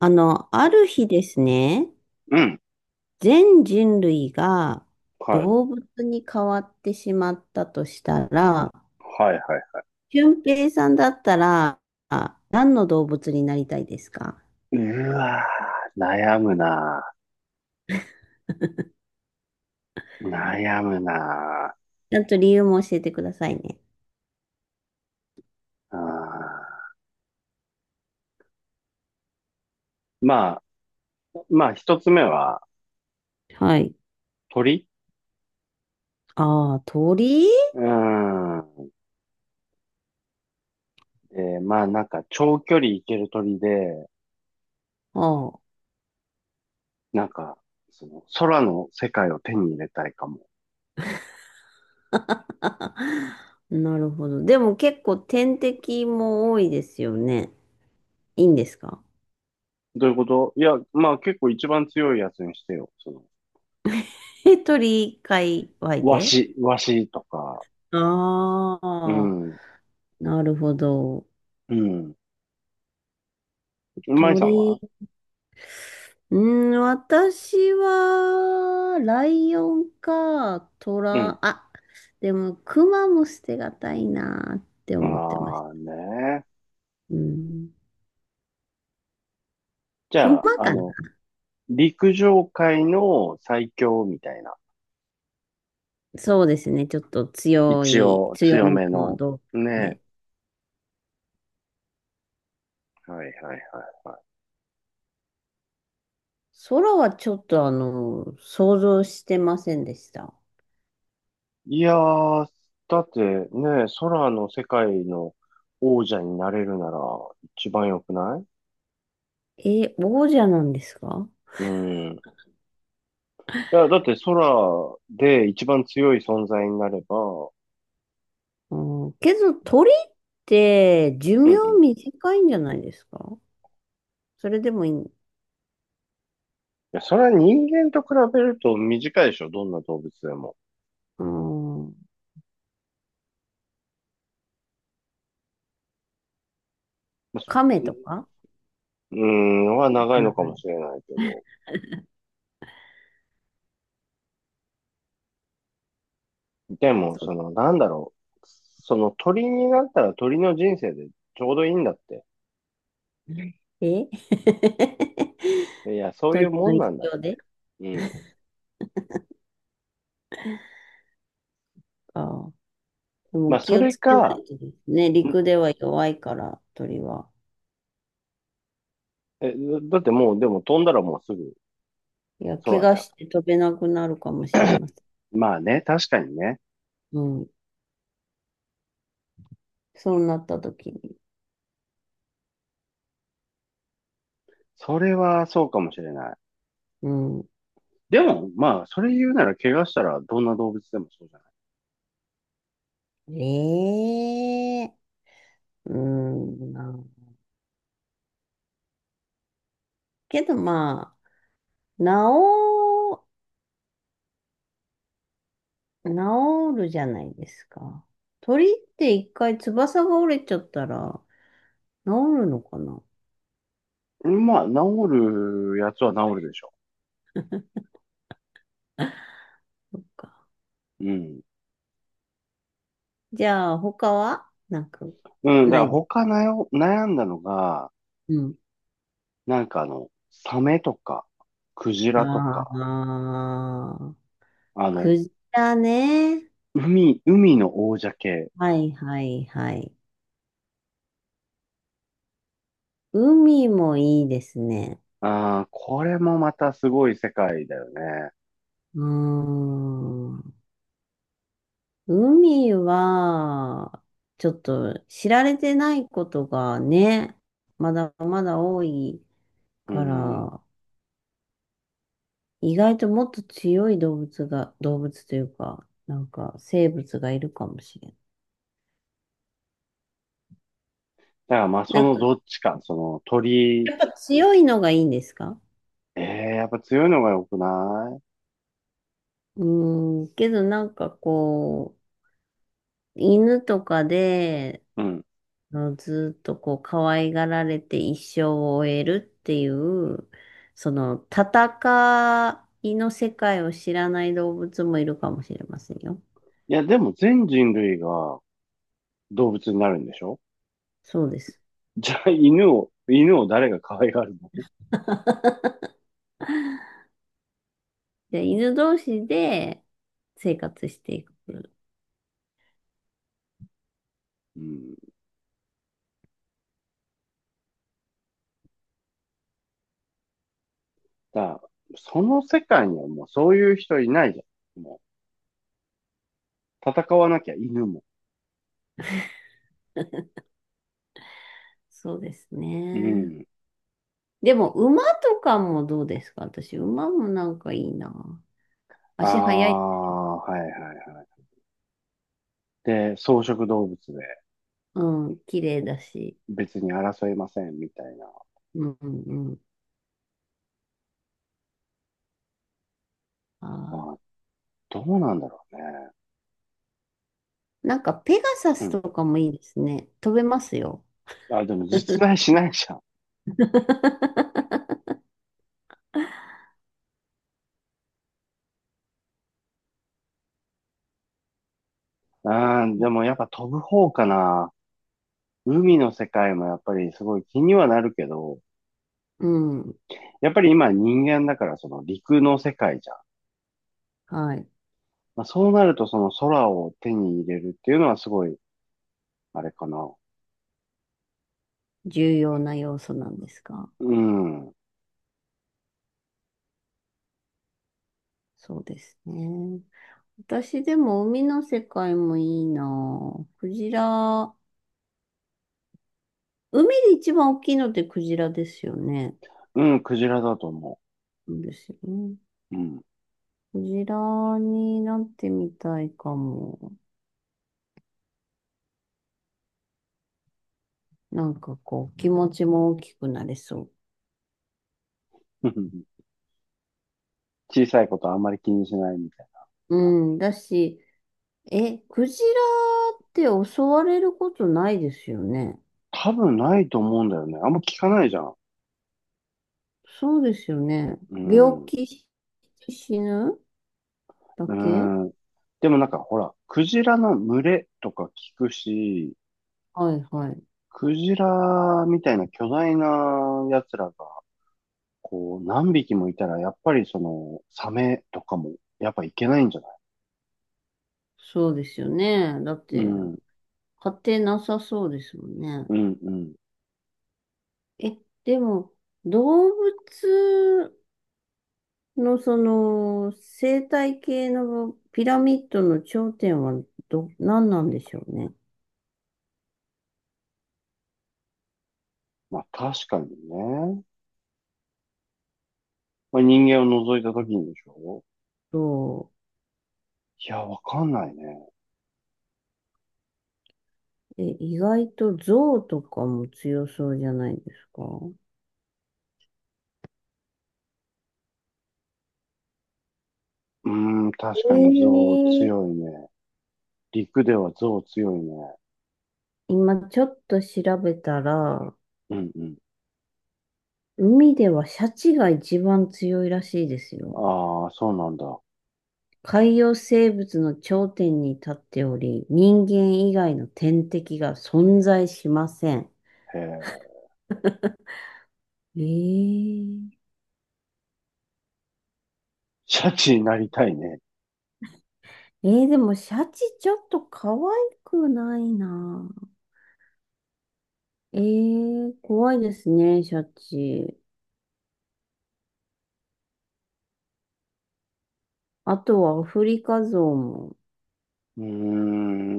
ある日ですね、うん。全人類がはい。動物に変わってしまったとしたら、はいは俊平さんだったら、何の動物になりたいですか？い。うわー、悩むなー、悩むなちゃんと理由も教えてくださいね。ー、まあ、まあ一つ目ははい。鳥。ああ、鳥。うーん。で、まあなんか長距離行ける鳥で、ああ。なんか、その空の世界を手に入れたいかも。なるほど。でも結構天敵も多いですよね。いいんですか？どういうこと？いや、まあ結構一番強いやつにしてよ。その、え、鳥界隈ワで？シ、ワシとか。あうあ、ん。なるほど。うん。マイさんは？鳥。うん、私は、ライオンか、トうん。ラ、でも、クマも捨てがたいなって思ってましああた。ね。うん。じクゃあ、マあかな。の陸上界の最強みたいな。そうですね。ちょっと強一い、応強強めめのの。動物。ね。ね。はいはいは空はちょっと、想像してませんでした。い。いやー、だってね、空の世界の王者になれるなら一番良くない？え、王者なんですか？うん。いや、だって空で一番強い存在になれば、うん、けど、鳥って寿うん命うん。い短いんじゃないですか？それでもいい。や、それは人間と比べると短いでしょ、どんな動物でも。うん、亀とうか。ん、うん、は長いのかあ、もしれないけど。でも、そそう。の、なんだろう。その鳥になったら鳥の人生でちょうどいいんだって。え？ いや、そういう鳥ものんな一んだ。生で？うん。あ、でまもあ、気そをれつけなか、いとですね。ん陸では弱いから、鳥は。え、だってもう、でも飛んだらもうすぐいや、怪空我じゃん。して飛べなくなるかもしれません。まあね、確かにね。うん。そうなった時に。それはそうかもしれない。うん。でも、まあ、それ言うなら怪我したらどんな動物でもそうじゃなええ。うん。な、けどまあ、治、治るじゃないですか。鳥って一回翼が折れちゃったら治るのかな？い？まあ、治るやつは治るでしょう。うん。じゃあ、他はなんか、うん、だなからいです。他なよ悩んだのが、うん。なんかあの、サメとか、クジラとあか、あ、あの、クジラね。海の王者系。はいはいはい。海もいいですね。ああ、これもまたすごい世界だよね。うーん。海は、ちょっと知られてないことがね、まだまだ多いうかん。だら、意外ともっと強い動物が、動物というか、なんか生物がいるかもしれない。からまあ、そなんのかどっちか、その鳥、強いのがいいんですか？ええ、やっぱ強いのが良くなうん、けどなんかこう、犬とかで、い？うん。ずっとこう、可愛がられて一生を終えるっていう、その、戦いの世界を知らない動物もいるかもしれませんよ。いや、でも全人類が動物になるんでしょ？そうです。じゃあ犬を、誰が可愛がるの？じゃあ犬同士で生活していく。うん。だからその世界にはもうそういう人いないじゃん。もう、戦わなきゃ犬も。そうですうね。ん。でも、馬とかもどうですか？私、馬もなんかいいな。あ足速い。あ、はいはいはい。で、草食動物で。うん、綺麗別だし。別に争いませんみたいな。うん、うん、うん。ああ、どうなんだろうね。ー、なんか、ペガサうスん。とかもいいですね。飛べますよ。あ、でも実在しないじゃん。でもやっぱ飛ぶ方かな。海の世界もやっぱりすごい気にはなるけど、うん、やっぱり今人間だからその陸の世界じゃん。はい。まあ、そうなるとその空を手に入れるっていうのはすごい、あれかな。重要な要素なんですか？うん。そうですね。私でも海の世界もいいなぁ。クジラ。海で一番大きいのってクジラですよね。うん、クジラだと思そうですよね。う。うん。クジラになってみたいかも。なんかこう、気持ちも大きくなれそ 小さいことあんまり気にしないみたいう。うん、だし、え、クジラって襲われることないですよね。な。多分ないと思うんだよね。あんま聞かないじゃん。そうですよね。う病ん。気し死ぬだうけ。ん。でもなんかほら、クジラの群れとか聞くし、はいはい。クジラみたいな巨大な奴らが、こう、何匹もいたら、やっぱりその、サメとかも、やっぱいけないんじゃない？そうですよね。だっうて、ん、勝てなさそうですもんね。うん、うん。え、でも、動物の、その、生態系のピラミッドの頂点は何なんでしょうね。まあ確かにね。まあ人間を除いた時にでしょ？そいや、わかんないね。う。え、意外と象とかも強そうじゃないですか。うーん、確かえに象強え、いね。陸では象強いね。今ちょっと調べたら、うん、うん。海ではシャチが一番強いらしいですよ。ああ、そうなんだ。海洋生物の頂点に立っており、人間以外の天敵が存在しません。へえ。ええ。シャチになりたいね。えー、でもシャチちょっと可愛くないな。えー、怖いですね、シャチ。あとはアフリカゾウも。うー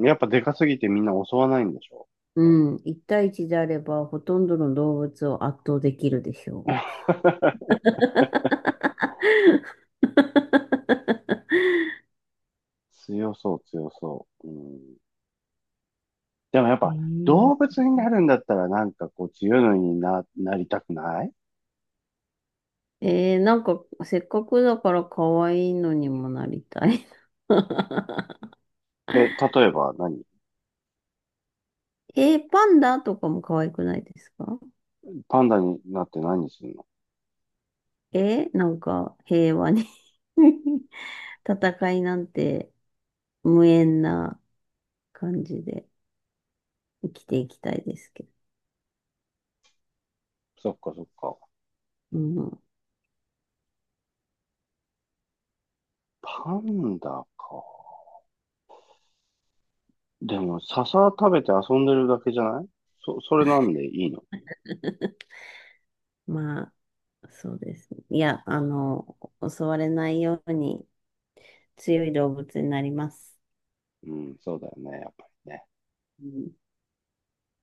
ん。やっぱでかすぎてみんな襲わないんでしょ？ うん、一対一であればほとんどの動物を圧倒できるでしょ？ 強そう、強そう。うん。でもやっえぱー、動 う。物になるんだったらなんかこう強いのにな、なりたくない？えー、なんかせっかくだから可愛いのにもなりたいな。え、例えば何？ えー、パンダとかも可愛くないですか？パンダになって何するの？えー、なんか平和に 戦いなんて無縁な感じで生きていきたいですけど。そっかそっか。うん、パンダか。でも笹食べて遊んでるだけじゃない？それなんでいいの？ まあ、そうですね。いや、襲われないように強い動物になります。うん、そうだよね、やっぱりね。うん